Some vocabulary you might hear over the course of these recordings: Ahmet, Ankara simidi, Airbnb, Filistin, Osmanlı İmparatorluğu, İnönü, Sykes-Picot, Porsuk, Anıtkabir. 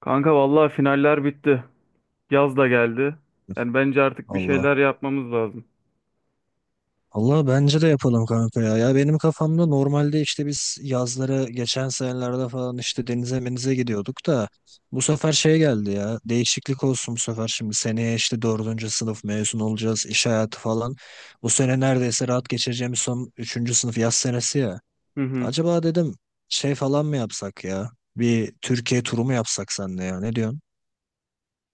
Kanka vallahi finaller bitti. Yaz da geldi. Yani bence artık bir Allah. şeyler yapmamız lazım. Allah bence de yapalım kanka ya. Ya benim kafamda normalde işte biz yazları geçen senelerde falan işte denize menize gidiyorduk da bu sefer şey geldi ya. Değişiklik olsun bu sefer şimdi. Seneye işte dördüncü sınıf mezun olacağız. İş hayatı falan. Bu sene neredeyse rahat geçireceğimiz son üçüncü sınıf yaz senesi ya. Hı hı. Acaba dedim şey falan mı yapsak ya? Bir Türkiye turu mu yapsak senle ya? Ne diyorsun?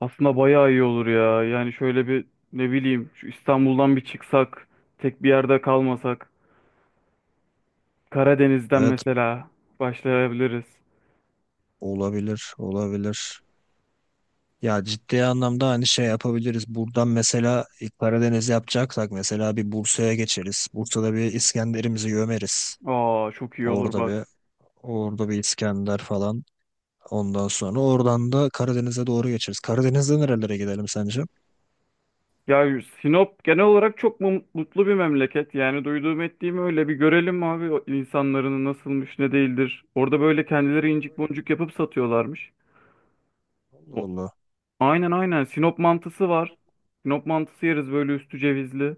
Aslında bayağı iyi olur ya. Yani şöyle bir, ne bileyim, şu İstanbul'dan bir çıksak, tek bir yerde kalmasak. Karadeniz'den Evet, mesela başlayabiliriz. olabilir olabilir. Ya ciddi anlamda hani şey yapabiliriz. Buradan mesela ilk Karadeniz yapacaksak mesela bir Bursa'ya geçeriz. Bursa'da bir İskender'imizi gömeriz. Aa, çok iyi olur Orada bak. bir İskender falan. Ondan sonra oradan da Karadeniz'e doğru geçeriz. Karadeniz'de nerelere gidelim sence? Ya Sinop genel olarak mutlu bir memleket. Yani duyduğum ettiğim öyle bir görelim abi o insanların nasılmış ne değildir. Orada böyle kendileri incik Allah boncuk yapıp satıyorlarmış. O- Allah. Aynen aynen. Sinop mantısı var. Sinop mantısı yeriz böyle üstü cevizli.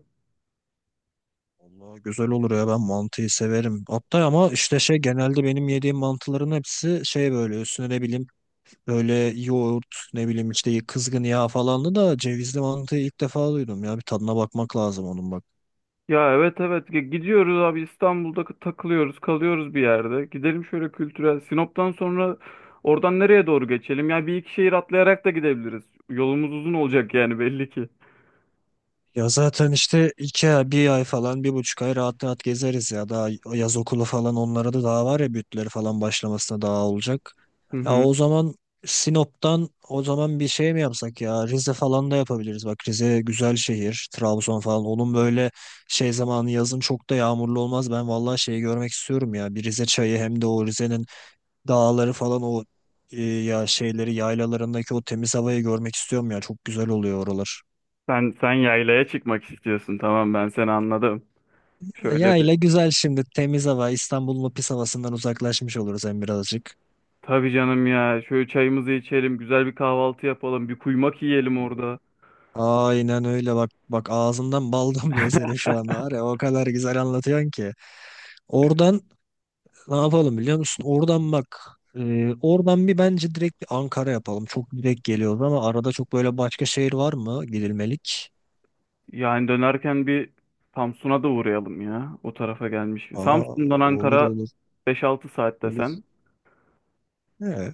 Allah güzel olur ya, ben mantıyı severim. Hatta ama işte şey, genelde benim yediğim mantıların hepsi şey böyle üstüne ne bileyim böyle yoğurt, ne bileyim işte kızgın yağ falanlı da cevizli mantıyı ilk defa duydum ya, bir tadına bakmak lazım onun bak. Ya evet evet, gidiyoruz abi. İstanbul'da takılıyoruz kalıyoruz bir yerde. Gidelim şöyle kültürel. Sinop'tan sonra oradan nereye doğru geçelim? Ya bir iki şehir atlayarak da gidebiliriz. Yolumuz uzun olacak Olur, yani olur. belli ki. Ya zaten işte iki ay, bir ay falan, bir buçuk ay rahat rahat gezeriz ya. Daha yaz okulu falan onlara da daha var ya, bütleri falan başlamasına daha olacak. Hı Ya hı. o zaman Sinop'tan o zaman bir şey mi yapsak ya? Rize falan da yapabiliriz. Bak Rize güzel şehir. Trabzon falan. Onun böyle şey zamanı yazın çok da yağmurlu olmaz. Ben vallahi şeyi görmek istiyorum ya. Bir Rize çayı, hem de o Rize'nin dağları falan, o ya şeyleri yaylalarındaki o temiz havayı görmek istiyorum ya. Çok güzel oluyor oralar. Sen yaylaya çıkmak istiyorsun, tamam, ben seni anladım. Ya Şöyle bir, ile güzel şimdi, temiz hava, İstanbul'un o pis havasından uzaklaşmış oluruz hem birazcık. tabii canım ya, şöyle çayımızı içelim, güzel bir kahvaltı yapalım, bir kuymak yiyelim orada. Aynen öyle, bak bak ağzından bal damlıyor senin şu anda, var ya o kadar güzel anlatıyorsun ki. Oradan ne yapalım biliyor musun? Oradan bak, oradan bir bence direkt bir Ankara yapalım. Çok direkt geliyoruz ama arada çok böyle başka şehir var mı gidilmelik? Yani dönerken bir Samsun'a da uğrayalım ya. O tarafa gelmiş. Aa, Samsun'dan olur Ankara olur beş altı saat olur. desen. He,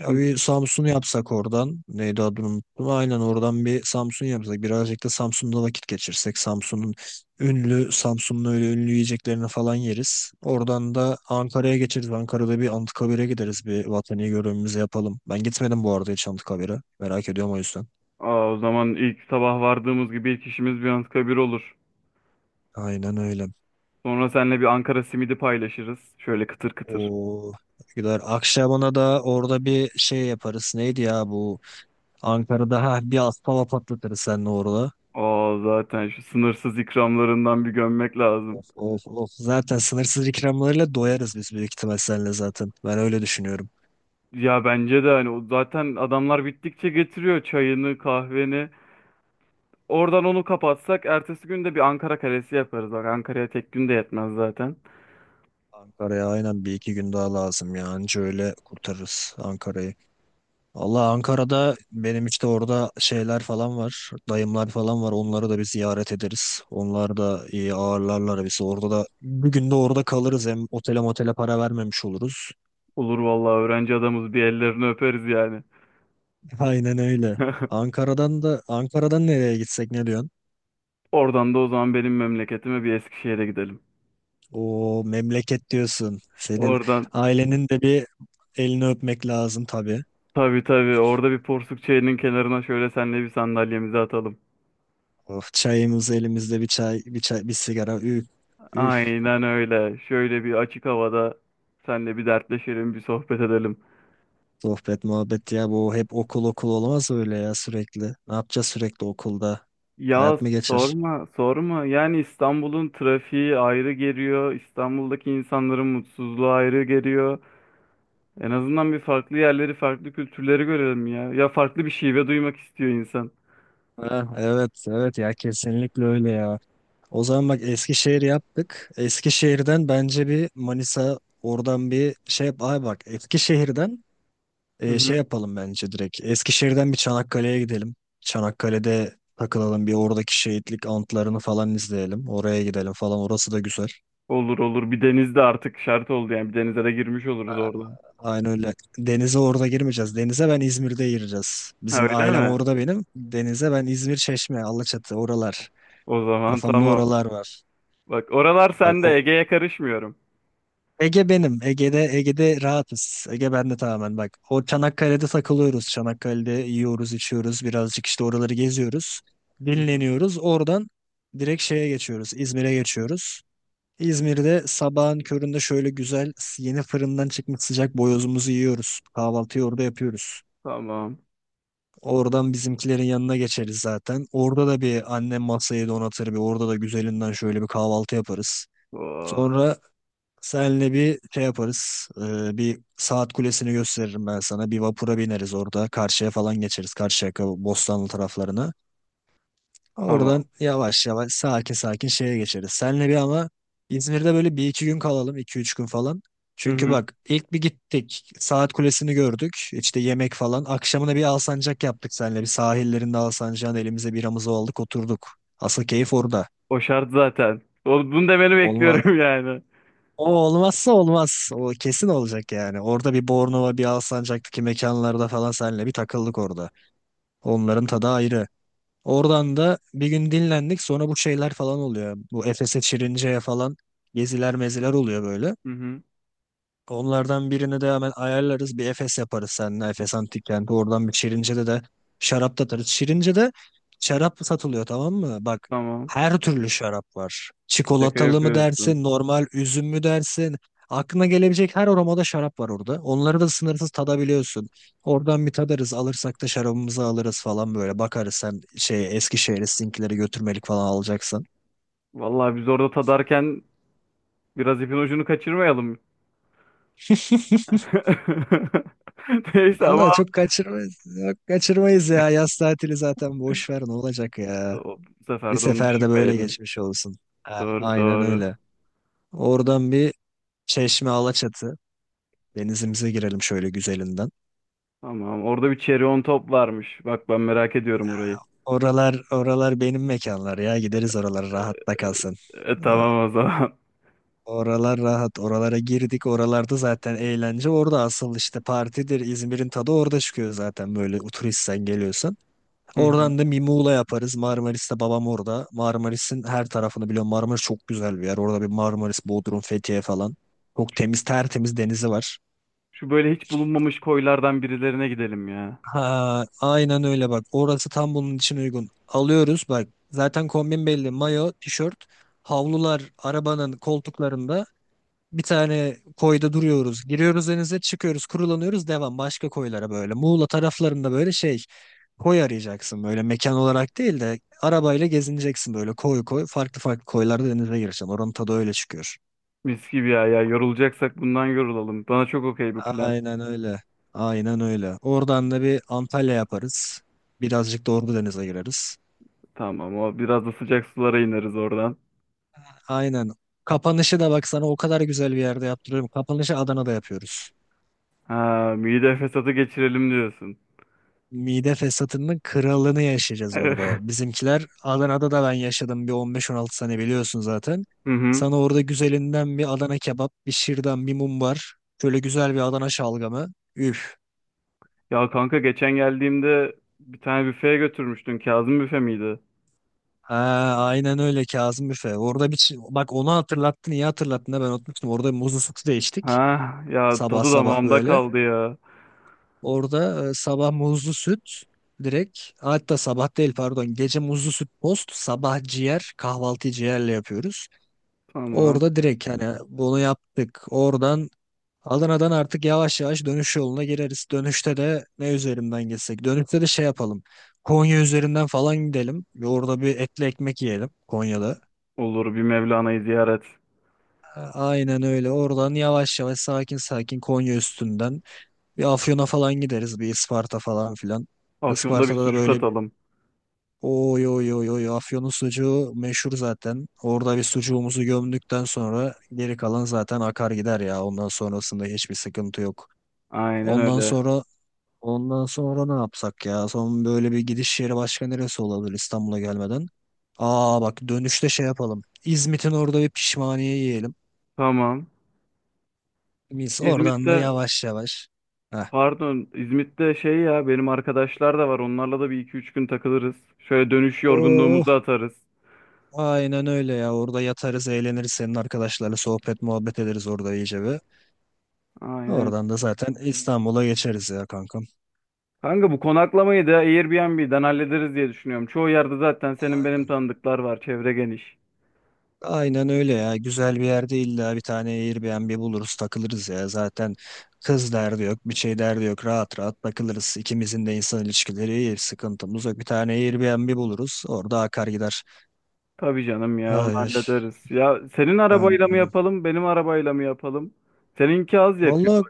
ya bir Samsun yapsak oradan. Neydi adını unuttum. Aynen oradan bir Samsun yapsak. Birazcık da Samsun'da vakit geçirsek. Samsun'un ünlü, Samsun'un öyle ünlü yiyeceklerini falan yeriz. Oradan da Ankara'ya geçeriz. Ankara'da bir Anıtkabir'e gideriz. Bir vatani görevimizi yapalım. Ben gitmedim bu arada hiç Anıtkabir'e. Merak ediyorum o yüzden. Aa, o zaman ilk sabah vardığımız gibi ilk işimiz bir Anıtkabir olur. Aynen öyle. Sonra seninle bir Ankara simidi paylaşırız. Şöyle kıtır kıtır. O gider. Akşaban'a da orada bir şey yaparız. Neydi ya bu? Ankara'da ha, bir aspava patlatırız seninle orada. Aa, zaten şu sınırsız ikramlarından bir gömmek lazım. Of, of, of. Zaten sınırsız ikramlarıyla doyarız biz büyük ihtimal seninle zaten. Ben öyle düşünüyorum. Ya bence de, hani, o zaten adamlar bittikçe getiriyor çayını, kahveni. Oradan onu kapatsak ertesi gün de bir Ankara kalesi yaparız. Bak, Ankara'ya tek gün de yetmez zaten. Ankara'ya aynen bir iki gün daha lazım ya. Anca öyle kurtarırız Ankara'yı. Allah, Ankara'da benim işte orada şeyler falan var. Dayımlar falan var. Onları da bir ziyaret ederiz. Onlar da iyi ağırlarlar bizi. Orada da bir gün de orada kalırız. Hem otele motele para vermemiş oluruz. Olur vallahi, öğrenci adamız, bir ellerini öperiz yani. Aynen öyle. Ankara'dan da, Ankara'dan nereye gitsek ne diyorsun? Oradan da o zaman benim memleketime, bir Eskişehir'e gidelim. O memleket diyorsun. Senin Oradan ailenin de bir elini öpmek lazım tabii. tabii tabii, orada bir porsuk çayının kenarına şöyle senle bir sandalyemizi atalım. Of, çayımız elimizde, bir çay, bir çay, bir sigara. Üf, üf. Aynen öyle. Şöyle bir açık havada senle bir dertleşelim, bir sohbet edelim. Sohbet, muhabbet ya, bu hep okul okul olmaz öyle ya sürekli. Ne yapacağız sürekli okulda? Ya Hayat mı geçer? sorma, sorma. Yani İstanbul'un trafiği ayrı geliyor. İstanbul'daki insanların mutsuzluğu ayrı geliyor. En azından bir farklı yerleri, farklı kültürleri görelim ya. Ya farklı bir şive duymak istiyor insan. Ha, evet, evet ya, kesinlikle öyle ya. O zaman bak Eskişehir yaptık. Eskişehir'den bence bir Manisa, oradan bir şey yap. Ay bak Eskişehir'den Hı şey hı. yapalım bence direkt. Eskişehir'den bir Çanakkale'ye gidelim. Çanakkale'de takılalım, bir oradaki şehitlik antlarını falan izleyelim. Oraya gidelim falan. Orası da güzel. Olur olur. Bir denizde artık şart oldu yani. Bir denize de girmiş oluruz oradan. Aynı öyle. Denize orada girmeyeceğiz. Denize ben İzmir'de gireceğiz. Ha, Bizim öyle ailem mi? orada benim. Denize ben İzmir, Çeşme, Alaçatı, oralar. O zaman Kafamda tamam. oralar var. Bak, oralar Bak sende. o, Ege'ye karışmıyorum. Ege benim. Ege'de Ege'de rahatız. Ege bende tamamen bak. O Çanakkale'de takılıyoruz. Çanakkale'de yiyoruz, içiyoruz. Birazcık işte oraları geziyoruz. Hı hı. Dinleniyoruz. Oradan direkt şeye geçiyoruz. İzmir'e geçiyoruz. İzmir'de sabahın köründe şöyle güzel, yeni fırından çıkmış sıcak boyozumuzu yiyoruz. Kahvaltıyı orada yapıyoruz. Tamam. Oradan bizimkilerin yanına geçeriz zaten. Orada da bir annem masayı donatır, bir orada da güzelinden şöyle bir kahvaltı yaparız. Oo, Sonra senle bir şey yaparız. Bir saat kulesini gösteririm ben sana. Bir vapura bineriz orada. Karşıya falan geçeriz. Karşıyaka, Bostanlı taraflarına. tamam. Oradan yavaş yavaş sakin sakin şeye geçeriz. Senle bir ama İzmir'de böyle bir iki gün kalalım. İki üç gün falan. Hı Çünkü hı. bak ilk bir gittik. Saat kulesini gördük. İşte yemek falan. Akşamına bir alsancak yaptık senle. Bir sahillerinde alsancağın elimize biramızı aldık oturduk. Asıl keyif orada. O şart zaten. O, bunu demeni bekliyorum yani. O olmazsa olmaz. O kesin olacak yani. Orada bir Bornova, bir Alsancak'taki mekanlarda falan seninle bir takıldık orada. Onların tadı ayrı. Oradan da bir gün dinlendik. Sonra bu şeyler falan oluyor. Bu Efes'e, Çirince'ye falan geziler meziler oluyor böyle. Hı hı. Onlardan birini de hemen ayarlarız. Bir Efes yaparız seninle. Efes Antik Kenti. Oradan bir Şirince'de de şarap tatarız. Şirince'de şarap satılıyor, tamam mı? Bak Tamam. her türlü şarap var. Şaka Çikolatalı mı yapıyorsun. dersin, normal üzüm mü dersin? Aklına gelebilecek her aromada şarap var orada. Onları da sınırsız tadabiliyorsun. Oradan bir tadarız. Alırsak da şarabımızı alırız falan böyle. Bakarız sen şey Eskişehir'e sizinkileri götürmelik falan alacaksan. Vallahi biz orada tadarken biraz ipin ucunu kaçırmayalım. Neyse ama Allah çok kaçırmayız. Yok, kaçırmayız ya. Yaz tatili zaten, boş ver ne olacak ya. Bu Bir sefer de onu seferde böyle düşünmeyelim. geçmiş olsun. Ah, Doğru aynen doğru. öyle. Oradan bir Çeşme, Alaçatı. Denizimize girelim şöyle güzelinden. Tamam. Orada bir cherry on top varmış. Bak, ben merak ediyorum orayı. Ah, oralar oralar benim mekanlar ya. Gideriz oralara, rahatta kalsın. E, Aa, tamam o zaman. oralar rahat. Oralara girdik. Oralarda zaten eğlence. Orada asıl işte partidir. İzmir'in tadı orada çıkıyor zaten, böyle turisten geliyorsan. Hı hı. Oradan da bir Muğla yaparız. Marmaris'te babam orada. Marmaris'in her tarafını biliyorum. Marmaris çok güzel bir yer. Orada bir Marmaris, Bodrum, Fethiye falan. Çok temiz, tertemiz denizi var. Şu böyle hiç bulunmamış koylardan birilerine gidelim ya. Ha, aynen öyle bak. Orası tam bunun için uygun. Alıyoruz bak. Zaten kombin belli. Mayo, tişört, havlular arabanın koltuklarında. Bir tane koyda duruyoruz. Giriyoruz denize, çıkıyoruz, kurulanıyoruz. Devam başka koylara böyle. Muğla taraflarında böyle şey. Koy arayacaksın böyle mekan olarak değil de arabayla gezineceksin, böyle koy koy farklı farklı koylarda denize gireceksin. Oranın tadı öyle çıkıyor. Mis gibi ya ya. Yorulacaksak bundan yorulalım. Bana çok okey bu plan. Aynen öyle. Aynen öyle. Oradan da bir Antalya yaparız. Birazcık da Ordu denize gireriz. Tamam, o biraz da sıcak sulara ineriz oradan. Aynen. Kapanışı da bak, sana o kadar güzel bir yerde yaptırıyorum. Kapanışı Adana'da yapıyoruz. Ha, mide fesatı geçirelim diyorsun. Mide fesatının kralını yaşayacağız Evet. orada. Bizimkiler Adana'da da ben yaşadım bir 15-16 sene, biliyorsun zaten. Hı hı. Sana orada güzelinden bir Adana kebap, bir şırdan, bir mumbar. Şöyle güzel bir Adana şalgamı. Üf. Ya kanka geçen geldiğimde bir tane büfeye götürmüştün. Kazım büfe miydi? Ha, aynen öyle, Kazım Büfe. Orada bir bak onu hatırlattın, iyi hatırlattın da ben unutmuştum. Orada muzlu sütü de içtik. Ha ya, Sabah tadı sabah damağımda böyle. kaldı ya. Orada sabah muzlu süt direkt, hatta sabah değil, pardon, gece muzlu süt, post sabah ciğer, kahvaltıyı ciğerle yapıyoruz. Tamam. Orada direkt hani bunu yaptık. Oradan Adana'dan artık yavaş yavaş dönüş yoluna gireriz. Dönüşte de ne üzerinden geçsek? Dönüşte de şey yapalım. Konya üzerinden falan gidelim. Ve orada bir etli ekmek yiyelim Konya'da. Olur, bir Mevlana'yı ziyaret. A- Aynen öyle. Oradan yavaş yavaş sakin sakin Konya üstünden bir Afyon'a falan gideriz. Bir Isparta falan filan. Afyon'da bir Isparta'da da sucuk böyle, atalım. oy oy oy oy Afyon'un sucuğu meşhur zaten. Orada bir sucuğumuzu gömdükten sonra geri kalan zaten akar gider ya. Ondan sonrasında hiçbir sıkıntı yok. Aynen Ondan öyle. sonra ne yapsak ya? Son böyle bir gidiş yeri başka neresi olabilir İstanbul'a gelmeden? Aa bak, dönüşte şey yapalım. İzmit'in orada bir pişmaniye yiyelim. Tamam. Biz oradan da İzmit'te, yavaş yavaş. Heh. pardon, İzmit'te şey ya, benim arkadaşlar da var. Onlarla da bir iki üç gün takılırız. Şöyle dönüş Oh, yorgunluğumuzu atarız. aynen öyle ya. Orada yatarız, eğleniriz. Senin arkadaşlarla sohbet muhabbet ederiz orada iyice bir. Aynen. Oradan da zaten İstanbul'a geçeriz ya kankam. Kanka, bu konaklamayı da Airbnb'den hallederiz diye düşünüyorum. Çoğu yerde zaten senin benim Aynen. tanıdıklar var. Çevre geniş. Aynen öyle ya. Güzel bir yerde illa bir tane Airbnb buluruz, takılırız ya. Zaten kız derdi yok, bir şey derdi yok. Rahat rahat takılırız. İkimizin de insan ilişkileri iyi. Sıkıntımız yok. Bir tane Airbnb buluruz. Orada akar gider. Tabii canım ya, onu Ay, ay. hallederiz. Ya senin Aynen arabayla mı öyle. yapalım, benim arabayla mı yapalım? Seninki az yakıyor. Vallahi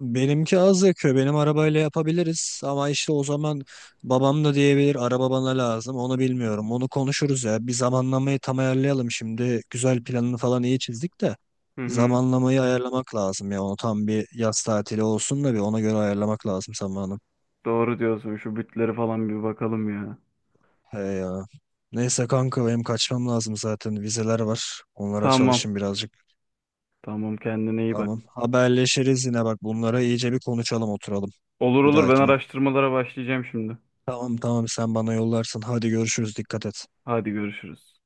benimki az yakıyor. Benim arabayla yapabiliriz ama işte o zaman babam da diyebilir araba bana lazım. Onu bilmiyorum. Onu konuşuruz ya. Bir zamanlamayı tam ayarlayalım şimdi. Güzel planını falan iyi çizdik de Hı hı. zamanlamayı ayarlamak lazım ya. Onu tam bir yaz tatili olsun da bir ona göre ayarlamak lazım zamanı. Doğru diyorsun. Şu bütleri falan bir bakalım ya. He ya. Neyse kanka benim kaçmam lazım zaten. Vizeler var. Onlara Tamam. çalışayım birazcık. Tamam, kendine iyi bak. Tamam. Haberleşiriz yine, bak bunlara iyice bir konuşalım, oturalım Olur bir olur, ben dahakine. araştırmalara başlayacağım şimdi. Tamam tamam, sen bana yollarsın. Hadi görüşürüz. Dikkat et. Hadi görüşürüz.